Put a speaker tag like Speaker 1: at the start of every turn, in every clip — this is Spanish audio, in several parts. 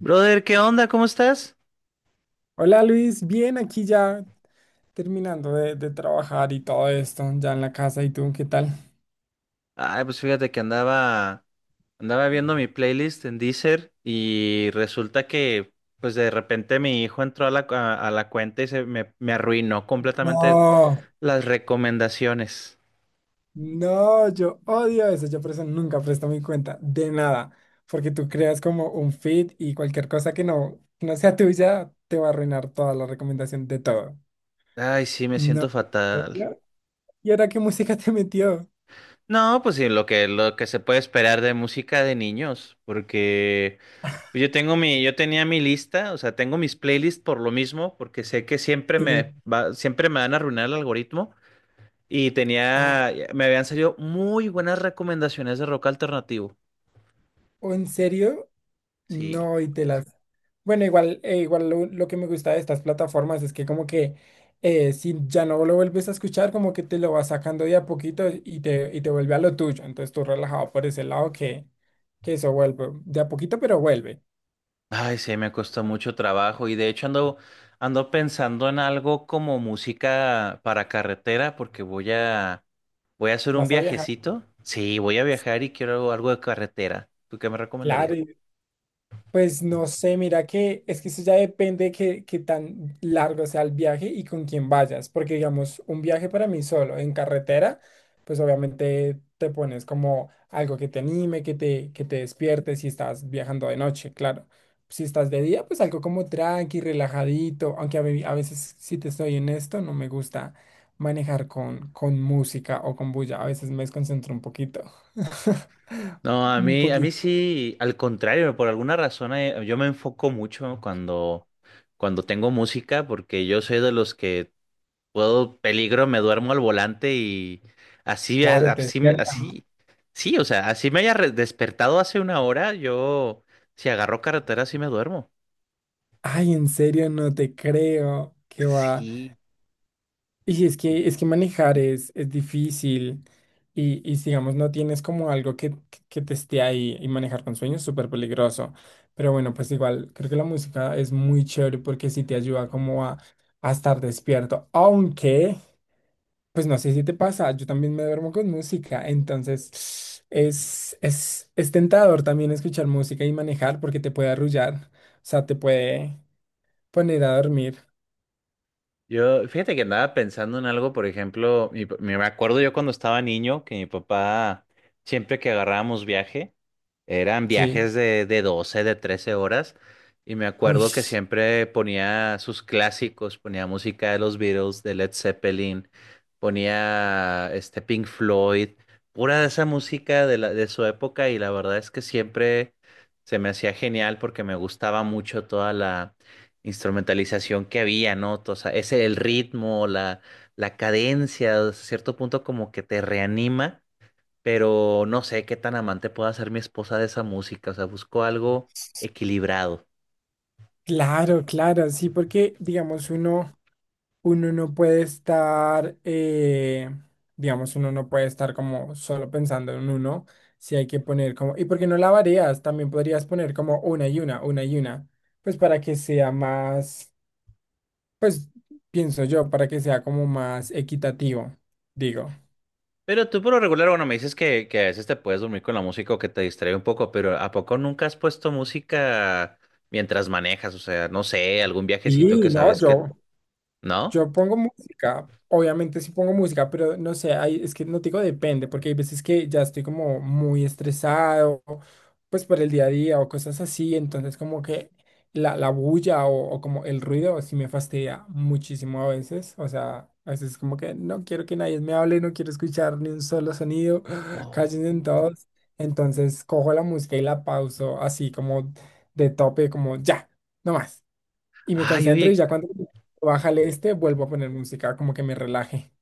Speaker 1: Brother, ¿qué onda? ¿Cómo estás?
Speaker 2: Hola Luis, bien, aquí ya terminando de trabajar y todo esto, ya en la casa. ¿Y tú qué tal?
Speaker 1: Ay, pues fíjate que andaba viendo mi playlist en Deezer y resulta que, pues de repente mi hijo entró a la cuenta y se me arruinó completamente
Speaker 2: No,
Speaker 1: las recomendaciones.
Speaker 2: no, yo odio eso. Yo por eso nunca presto mi cuenta de nada, porque tú creas como un feed y cualquier cosa que no sea tuya te va a arruinar toda la recomendación de todo.
Speaker 1: Ay, sí, me siento
Speaker 2: No. ¿En
Speaker 1: fatal.
Speaker 2: serio? ¿Y ahora qué música te metió?
Speaker 1: No, pues sí, lo que se puede esperar de música de niños, porque pues, yo tenía mi lista, o sea, tengo mis playlists por lo mismo, porque sé que siempre me
Speaker 2: Sí.
Speaker 1: va, siempre me van a arruinar el algoritmo. Y
Speaker 2: Ah,
Speaker 1: tenía, me habían salido muy buenas recomendaciones de rock alternativo.
Speaker 2: ¿o en serio?
Speaker 1: Sí.
Speaker 2: No, y te la... Bueno, igual, igual lo que me gusta de estas plataformas es que como que si ya no lo vuelves a escuchar, como que te lo vas sacando de a poquito y te vuelve a lo tuyo. Entonces tú relajado por ese lado que eso vuelve de a poquito, pero vuelve.
Speaker 1: Ay, sí, me costó mucho trabajo y de hecho ando pensando en algo como música para carretera porque voy a hacer un
Speaker 2: Vas a viajar,
Speaker 1: viajecito. Sí, voy a viajar y quiero algo de carretera. ¿Tú qué me
Speaker 2: claro,
Speaker 1: recomendarías?
Speaker 2: y... Pues no sé, mira que es que eso ya depende que qué tan largo sea el viaje y con quién vayas, porque digamos, un viaje para mí solo en carretera, pues obviamente te pones como algo que te anime, que te despierte si estás viajando de noche, claro. Si estás de día, pues algo como tranqui, relajadito, aunque a veces, si te estoy honesto, no me gusta manejar con música o con bulla, a veces me desconcentro un poquito.
Speaker 1: No, a
Speaker 2: Un
Speaker 1: mí, a mí
Speaker 2: poquito.
Speaker 1: sí, al contrario, por alguna razón yo me enfoco mucho cuando tengo música porque yo soy de los que puedo peligro, me duermo al volante y así, eh,
Speaker 2: Claro, te...
Speaker 1: así, así, sí, o sea, así me haya despertado hace una hora, yo, si agarro carretera, sí me duermo.
Speaker 2: Ay, en serio, no te creo que va.
Speaker 1: Sí,
Speaker 2: Y si es que manejar es difícil y si, digamos no tienes como algo que te esté ahí, y manejar con sueños es súper peligroso. Pero bueno, pues igual creo que la música es muy chévere porque sí te ayuda como a estar despierto. Aunque, pues no sé si te pasa, yo también me duermo con música, entonces es tentador también escuchar música y manejar porque te puede arrullar, o sea, te puede poner a dormir.
Speaker 1: yo, fíjate que andaba pensando en algo, por ejemplo, me acuerdo yo cuando estaba niño que mi papá, siempre que agarrábamos viaje, eran
Speaker 2: Sí.
Speaker 1: viajes de 12 de 13 horas. Y me
Speaker 2: Uy,
Speaker 1: acuerdo que siempre ponía sus clásicos, ponía música de los Beatles, de Led Zeppelin, ponía este Pink Floyd, pura de esa música de la, de su época. Y la verdad es que siempre se me hacía genial porque me gustaba mucho toda la instrumentalización que había, ¿no? O sea, ese el ritmo, la cadencia, a cierto punto como que te reanima, pero no sé qué tan amante pueda ser mi esposa de esa música, o sea, busco algo equilibrado.
Speaker 2: claro, sí, porque digamos uno, uno no puede estar, digamos uno no puede estar como solo pensando en uno, si hay que poner como, ¿y por qué no la varías? También podrías poner como una y una, pues para que sea más, pues pienso yo, para que sea como más equitativo, digo.
Speaker 1: Pero tú por lo regular, bueno, me dices que a veces te puedes dormir con la música o que te distrae un poco, pero ¿a poco nunca has puesto música mientras manejas? O sea, no sé, algún viajecito
Speaker 2: Y
Speaker 1: que
Speaker 2: no,
Speaker 1: sabes
Speaker 2: yo...
Speaker 1: que... ¿No?
Speaker 2: Yo pongo música, obviamente sí pongo música, pero no sé, hay- es que no te digo, depende, porque hay veces que ya estoy como muy estresado, pues por el día a día o cosas así, entonces como que la bulla o como el ruido sí me fastidia muchísimo a veces, o sea, a veces como que no quiero que nadie me hable, no quiero escuchar ni un solo sonido.
Speaker 1: Oh.
Speaker 2: Cállense todos, entonces cojo la música y la pauso así como de tope, como ya, no más, y me
Speaker 1: Ay,
Speaker 2: concentro y
Speaker 1: oye,
Speaker 2: ya cuando baja el este vuelvo a poner música, como que me relaje.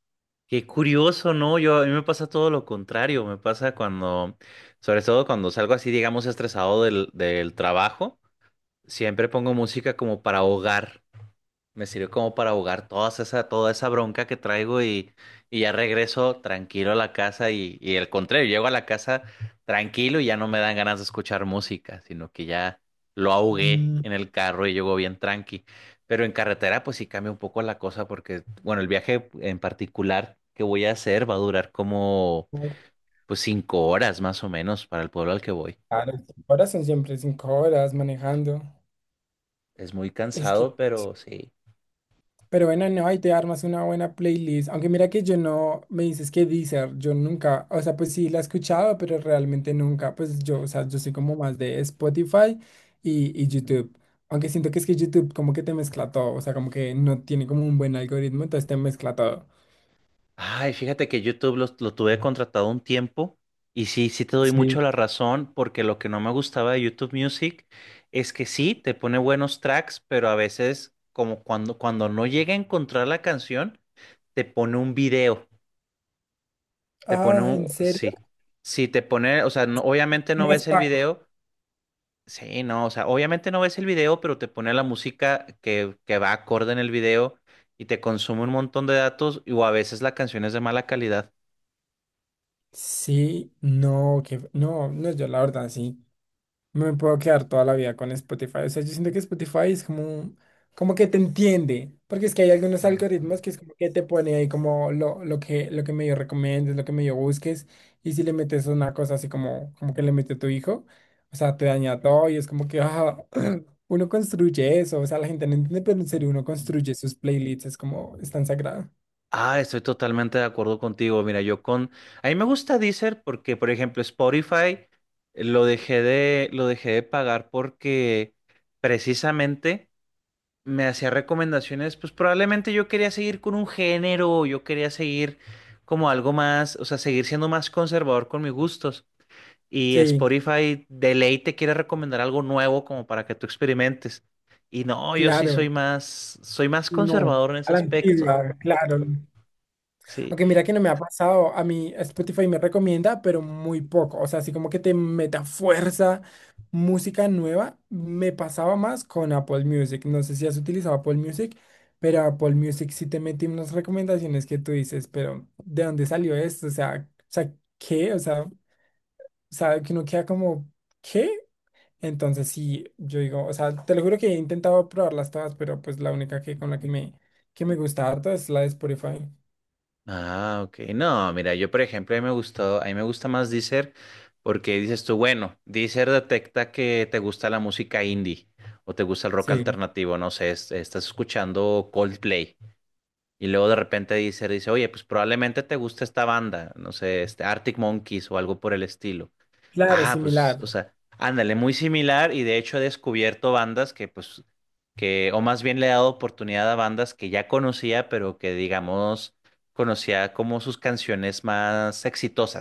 Speaker 1: qué curioso, ¿no? Yo, a mí me pasa todo lo contrario, me pasa sobre todo cuando salgo así, digamos, estresado del trabajo, siempre pongo música como para ahogar. Me sirve como para ahogar toda esa bronca que traigo y ya regreso tranquilo a la casa y al contrario, llego a la casa tranquilo y ya no me dan ganas de escuchar música, sino que ya lo ahogué
Speaker 2: Mm.
Speaker 1: en el carro y llego bien tranqui. Pero en carretera pues sí cambia un poco la cosa porque, bueno, el viaje en particular que voy a hacer va a durar como pues 5 horas más o menos para el pueblo al que voy.
Speaker 2: Claro, 5 horas son siempre 5 horas manejando.
Speaker 1: Es muy
Speaker 2: Es que,
Speaker 1: cansado, pero sí.
Speaker 2: pero bueno, no, ahí te armas una buena playlist. Aunque mira que yo no, me dices que Deezer, yo nunca, o sea, pues sí la he escuchado, pero realmente nunca, pues yo, o sea, yo soy como más de Spotify y YouTube. Aunque siento que es que YouTube como que te mezcla todo, o sea, como que no tiene como un buen algoritmo, entonces te mezcla todo.
Speaker 1: Ay, fíjate que YouTube tuve contratado un tiempo y sí, sí te doy mucho
Speaker 2: Sí.
Speaker 1: la razón porque lo que no me gustaba de YouTube Music es que sí, te pone buenos tracks, pero a veces como cuando no llega a encontrar la canción, te pone un video,
Speaker 2: Ah, ¿en serio?
Speaker 1: sí, sí, te pone, o sea, obviamente no ves el video, sí, no, o sea, obviamente no ves el video, pero te pone la música que va acorde en el video y te consume un montón de datos y, o a veces la canción es de mala calidad.
Speaker 2: Sí, no, que no, no, yo la verdad sí... No me puedo quedar toda la vida con Spotify. O sea, yo siento que Spotify es como, un- como que te entiende, porque es que hay algunos
Speaker 1: Ajá.
Speaker 2: algoritmos que es como que te pone ahí como lo, lo que medio recomiendes, lo que medio busques, y si le metes una cosa así como, como que le metió tu hijo, o sea, te daña todo y es como que ah, uno construye eso, o sea, la gente no entiende, pero en
Speaker 1: Ujú.
Speaker 2: serio uno construye sus playlists, es como, es tan sagrado.
Speaker 1: Ah, estoy totalmente de acuerdo contigo. Mira, yo con... A mí me gusta Deezer porque, por ejemplo, Spotify lo dejé de pagar porque precisamente me hacía recomendaciones, pues probablemente yo quería seguir con un género, yo quería seguir como algo más, o sea, seguir siendo más conservador con mis gustos. Y
Speaker 2: Sí,
Speaker 1: Spotify de ley te quiere recomendar algo nuevo como para que tú experimentes. Y no, yo sí soy
Speaker 2: claro,
Speaker 1: soy más
Speaker 2: uno,
Speaker 1: conservador en ese
Speaker 2: a la
Speaker 1: aspecto.
Speaker 2: antigua, claro.
Speaker 1: Sí.
Speaker 2: Aunque mira que no me ha pasado, a mí Spotify me recomienda, pero muy poco. O sea, así como que te meta fuerza música nueva, me pasaba más con Apple Music. No sé si has utilizado Apple Music, pero Apple Music sí te mete unas recomendaciones que tú dices, pero ¿de dónde salió esto? O sea, ¿qué? O sea, sabe que uno queda como, ¿qué? Entonces sí, yo digo, o sea, te lo juro que he intentado probarlas todas, pero pues la única que con la que me gusta harto es la de Spotify.
Speaker 1: Ah, ok. No, mira, yo por ejemplo, a mí me gusta más Deezer porque dices tú, bueno, Deezer detecta que te gusta la música indie o te gusta el rock
Speaker 2: Sí,
Speaker 1: alternativo, no sé, estás escuchando Coldplay y luego de repente Deezer dice, oye, pues probablemente te gusta esta banda, no sé, este Arctic Monkeys o algo por el estilo.
Speaker 2: claro,
Speaker 1: Ah, pues, o
Speaker 2: similar.
Speaker 1: sea, ándale, muy similar y de hecho he descubierto bandas o más bien le he dado oportunidad a bandas que ya conocía, pero que digamos, conocía como sus canciones más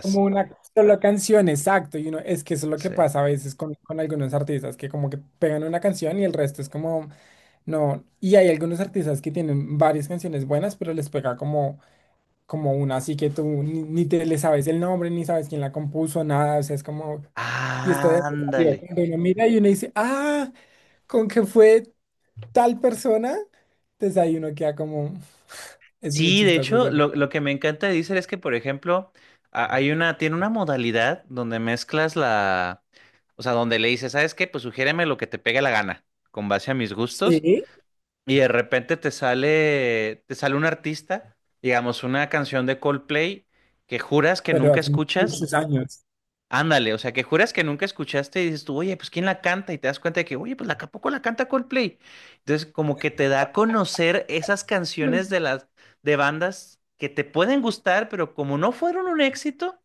Speaker 2: Como una sola canción, exacto. Y uno, es que eso es lo que
Speaker 1: Sí.
Speaker 2: pasa a veces con algunos artistas, que como que pegan una canción y el resto es como, no. Y hay algunos artistas que tienen varias canciones buenas, pero les pega como, como una, así que tú ni te le sabes el nombre, ni sabes quién la compuso, nada. O sea, es como, y esto de
Speaker 1: Ah,
Speaker 2: salió.
Speaker 1: ándale.
Speaker 2: Cuando uno mira y uno dice, ah, con que fue tal persona, entonces ahí uno queda como, es muy
Speaker 1: Sí, de
Speaker 2: chistoso. O
Speaker 1: hecho,
Speaker 2: sea,
Speaker 1: lo que me encanta de Deezer es que, por ejemplo, tiene una modalidad donde mezclas la, o sea, donde le dices, ¿sabes qué? Pues sugiéreme lo que te pegue la gana, con base a mis gustos.
Speaker 2: sí,
Speaker 1: Y de repente te sale un artista, digamos, una canción de Coldplay que juras que
Speaker 2: pero
Speaker 1: nunca
Speaker 2: hace
Speaker 1: escuchas,
Speaker 2: muchos años.
Speaker 1: ándale, o sea, que juras que nunca escuchaste y dices tú, oye, pues ¿quién la canta? Y te das cuenta de que, oye, pues la ¿a poco la canta Coldplay? Entonces, como que te da a conocer esas canciones de las de bandas que te pueden gustar, pero como no fueron un éxito,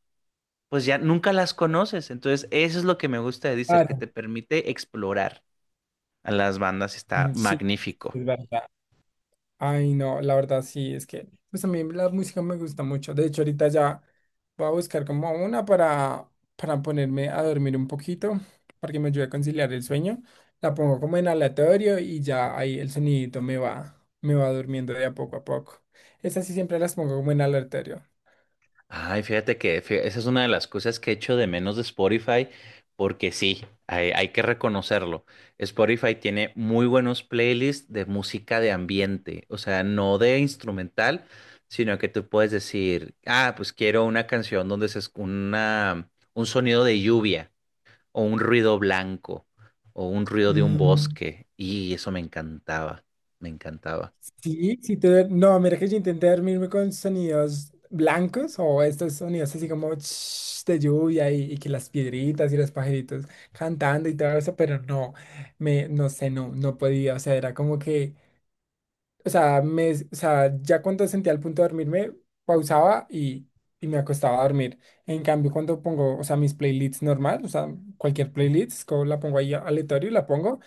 Speaker 1: pues ya nunca las conoces. Entonces, eso es lo que me gusta de Deezer,
Speaker 2: Ah,
Speaker 1: que te permite explorar a las bandas, está
Speaker 2: ujú, sí,
Speaker 1: magnífico.
Speaker 2: es verdad. Ay, no, la verdad sí, es que pues a mí la música me gusta mucho. De hecho, ahorita ya voy a buscar como una para ponerme a dormir un poquito, para que me ayude a conciliar el sueño. La pongo como en aleatorio y ya ahí el sonidito me va durmiendo de a poco a poco. Estas sí siempre las pongo como en aleatorio.
Speaker 1: Ay, fíjate que esa es una de las cosas que he hecho de menos de Spotify, porque sí, hay que reconocerlo. Spotify tiene muy buenos playlists de música de ambiente, o sea, no de instrumental, sino que tú puedes decir, ah, pues quiero una canción donde un sonido de lluvia, o un ruido blanco, o un ruido de un
Speaker 2: Mm.
Speaker 1: bosque, y eso me encantaba, me encantaba.
Speaker 2: Sí, sí te... No, mira que yo intenté dormirme con sonidos blancos o estos sonidos así como ch- de lluvia y que las piedritas y los pajaritos cantando y todo eso, pero no, me, no sé, no, no podía, o sea, era como que o sea, me, o sea, ya cuando sentía el punto de dormirme, pausaba y me acostaba a dormir. En cambio, cuando pongo, o sea, mis playlists normal, o sea, cualquier playlist, co- la pongo ahí aleatorio, la pongo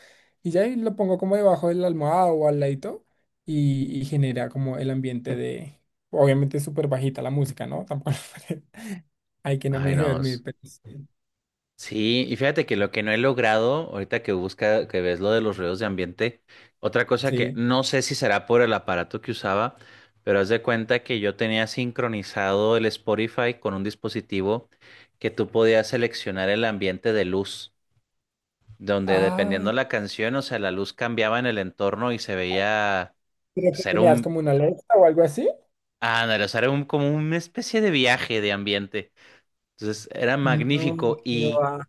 Speaker 2: y ya ahí lo pongo como debajo de la almohada o al ladito y genera como el ambiente de, obviamente es súper bajita la música, ¿no? Tampoco hay que no me
Speaker 1: Ay,
Speaker 2: deje
Speaker 1: no.
Speaker 2: dormir, pero sí.
Speaker 1: Sí, y fíjate que lo que no he logrado, ahorita que que ves lo de los ruidos de ambiente, otra cosa que
Speaker 2: Sí.
Speaker 1: no sé si será por el aparato que usaba, pero haz de cuenta que yo tenía sincronizado el Spotify con un dispositivo que tú podías seleccionar el ambiente de luz, donde
Speaker 2: Ay,
Speaker 1: dependiendo la canción, o sea, la luz cambiaba en el entorno y se veía
Speaker 2: creo que
Speaker 1: ser
Speaker 2: tenías
Speaker 1: un,
Speaker 2: como una alerta o algo así.
Speaker 1: ah, no, era, o sea, era un, como una especie de viaje de ambiente. Entonces era
Speaker 2: No,
Speaker 1: magnífico
Speaker 2: qué
Speaker 1: y
Speaker 2: va.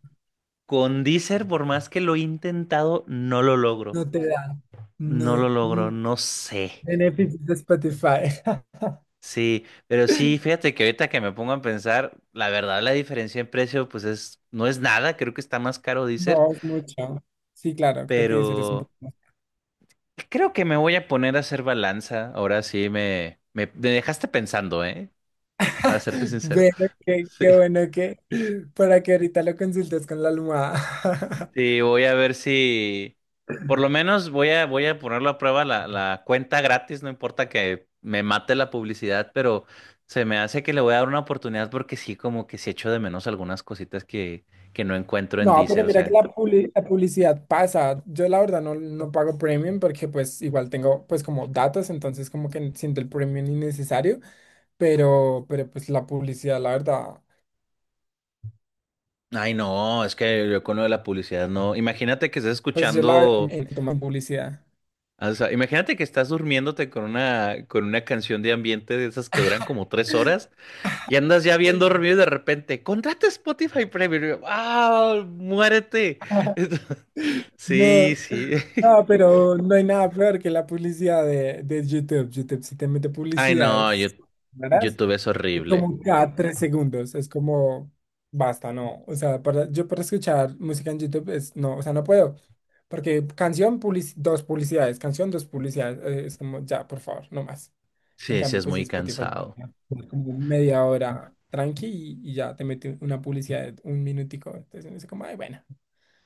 Speaker 1: con Deezer, por más que lo he intentado, no lo logro.
Speaker 2: No te da.
Speaker 1: No lo
Speaker 2: No.
Speaker 1: logro,
Speaker 2: Mm.
Speaker 1: no sé.
Speaker 2: Beneficios de Spotify.
Speaker 1: Sí, pero sí, fíjate que ahorita que me pongo a pensar, la verdad la diferencia en precio pues es, no es nada, creo que está más caro Deezer,
Speaker 2: No, es mucho. Sí, claro, creo que dices es un
Speaker 1: pero
Speaker 2: poco más.
Speaker 1: creo que me voy a poner a hacer balanza. Ahora sí me, me dejaste pensando, ¿eh? Para serte sincero.
Speaker 2: Bueno,
Speaker 1: Sí.
Speaker 2: qué bueno que para que ahorita lo consultes con la almohada.
Speaker 1: Sí, voy a ver si por lo menos voy a ponerlo a prueba la cuenta gratis, no importa que me mate la publicidad, pero se me hace que le voy a dar una oportunidad porque sí, como que sí echo de menos algunas cositas que no encuentro en
Speaker 2: No,
Speaker 1: Deezer,
Speaker 2: pero
Speaker 1: o
Speaker 2: mira que
Speaker 1: sea.
Speaker 2: la, publi- la publicidad pasa. Yo la verdad no, no pago premium porque pues igual tengo pues como datos, entonces como que siento el premium innecesario, pero pues la publicidad, la verdad,
Speaker 1: Ay, no, es que yo con lo de la publicidad no. Imagínate que estás
Speaker 2: pues yo la veo como
Speaker 1: escuchando,
Speaker 2: en- como publicidad.
Speaker 1: o sea, imagínate que estás durmiéndote con una canción de ambiente de esas que duran como 3 horas. Y andas ya bien dormido y de repente, contrata Spotify Premium. Y yo, ¡ah! ¡Muérete! Sí,
Speaker 2: No,
Speaker 1: sí.
Speaker 2: no, pero no hay nada peor que la publicidad de YouTube. YouTube si te mete
Speaker 1: Ay,
Speaker 2: publicidad,
Speaker 1: no, yo,
Speaker 2: es- ¿verdad?
Speaker 1: YouTube es
Speaker 2: Es
Speaker 1: horrible.
Speaker 2: como cada 3 segundos, es como, basta, no. O sea, para, yo para escuchar música en YouTube es, no, o sea, no puedo. Porque canción, publici- dos publicidades, canción, dos publicidades, es como, ya, por favor, no más. En
Speaker 1: Sí, sí,
Speaker 2: cambio,
Speaker 1: es
Speaker 2: pues si
Speaker 1: muy
Speaker 2: Spotify,
Speaker 1: cansado.
Speaker 2: como media hora tranqui y ya te mete una publicidad de un minutico. Entonces, uno dice como, ay, bueno.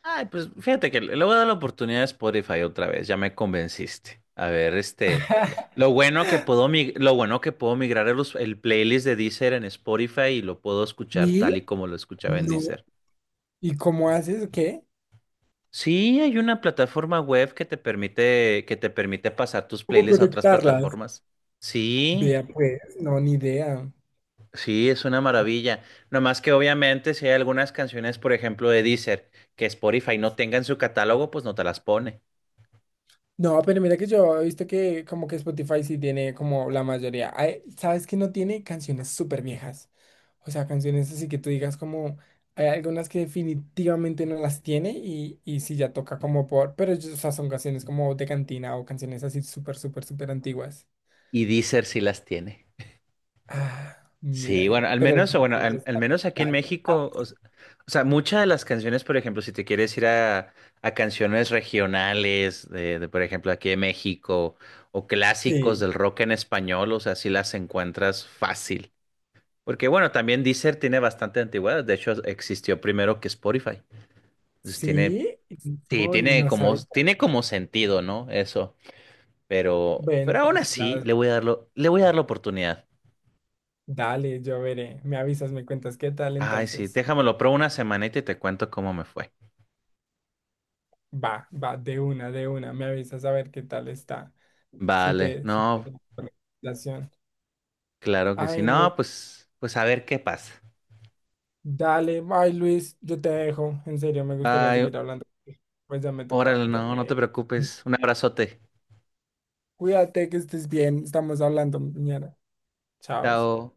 Speaker 1: Ay, pues fíjate que le voy a dar la oportunidad a Spotify otra vez. Ya me convenciste. A ver, este. Lo bueno que puedo, mi- lo bueno que puedo migrar el playlist de Deezer en Spotify y lo puedo escuchar
Speaker 2: ¿Y?
Speaker 1: tal y como lo escuchaba en
Speaker 2: No.
Speaker 1: Deezer.
Speaker 2: ¿Y cómo haces? ¿Qué?
Speaker 1: Sí, hay una plataforma web que te permite, pasar tus
Speaker 2: ¿Cómo
Speaker 1: playlists a otras
Speaker 2: conectarlas?
Speaker 1: plataformas. Sí,
Speaker 2: Vea pues, no, ni idea.
Speaker 1: sí, es una maravilla. No más que obviamente si hay algunas canciones, por ejemplo, de Deezer, que Spotify no tenga en su catálogo, pues no te las pone.
Speaker 2: No, pero mira que yo he visto que como que Spotify sí tiene como la mayoría. Ay, ¿sabes que no tiene canciones súper viejas? O sea, canciones así que tú digas como hay algunas que definitivamente no las tiene y sí ya toca como por, pero yo- o sea, son canciones como de cantina o canciones así súper antiguas.
Speaker 1: Y Deezer sí las tiene.
Speaker 2: Ah, mira,
Speaker 1: Sí, bueno, al
Speaker 2: pero el-
Speaker 1: menos, o bueno, al menos aquí en México, o sea, muchas de las canciones, por ejemplo, si te quieres ir a canciones regionales, de, por ejemplo, aquí de México, o clásicos
Speaker 2: Sí,
Speaker 1: del rock en español, o sea, sí las encuentras fácil. Porque bueno, también Deezer tiene bastante antigüedad, de hecho existió primero que Spotify. Entonces tiene,
Speaker 2: sí,
Speaker 1: sí,
Speaker 2: no,
Speaker 1: tiene
Speaker 2: no
Speaker 1: como,
Speaker 2: sabía.
Speaker 1: tiene como sentido, ¿no? Eso. Pero,
Speaker 2: Bueno,
Speaker 1: pero aún así,
Speaker 2: la-
Speaker 1: le voy a dar la oportunidad.
Speaker 2: dale, yo veré. Me avisas, me cuentas qué tal
Speaker 1: Ay, sí,
Speaker 2: entonces.
Speaker 1: déjamelo, pruebo una semanita y te cuento cómo me fue.
Speaker 2: Va, va, de una. Me avisas a ver qué tal está.
Speaker 1: Vale,
Speaker 2: Si te...
Speaker 1: no,
Speaker 2: da la relación.
Speaker 1: claro que sí.
Speaker 2: Ay, no.
Speaker 1: No, pues a ver qué pasa.
Speaker 2: Dale, bye Luis, yo te dejo. En serio, me gustaría
Speaker 1: Ay,
Speaker 2: seguir hablando. Pues ya me tocaba
Speaker 1: órale, no, no te
Speaker 2: dormir.
Speaker 1: preocupes. Un abrazote.
Speaker 2: Cuídate, que estés bien. Estamos hablando mañana. Chao.
Speaker 1: Chao.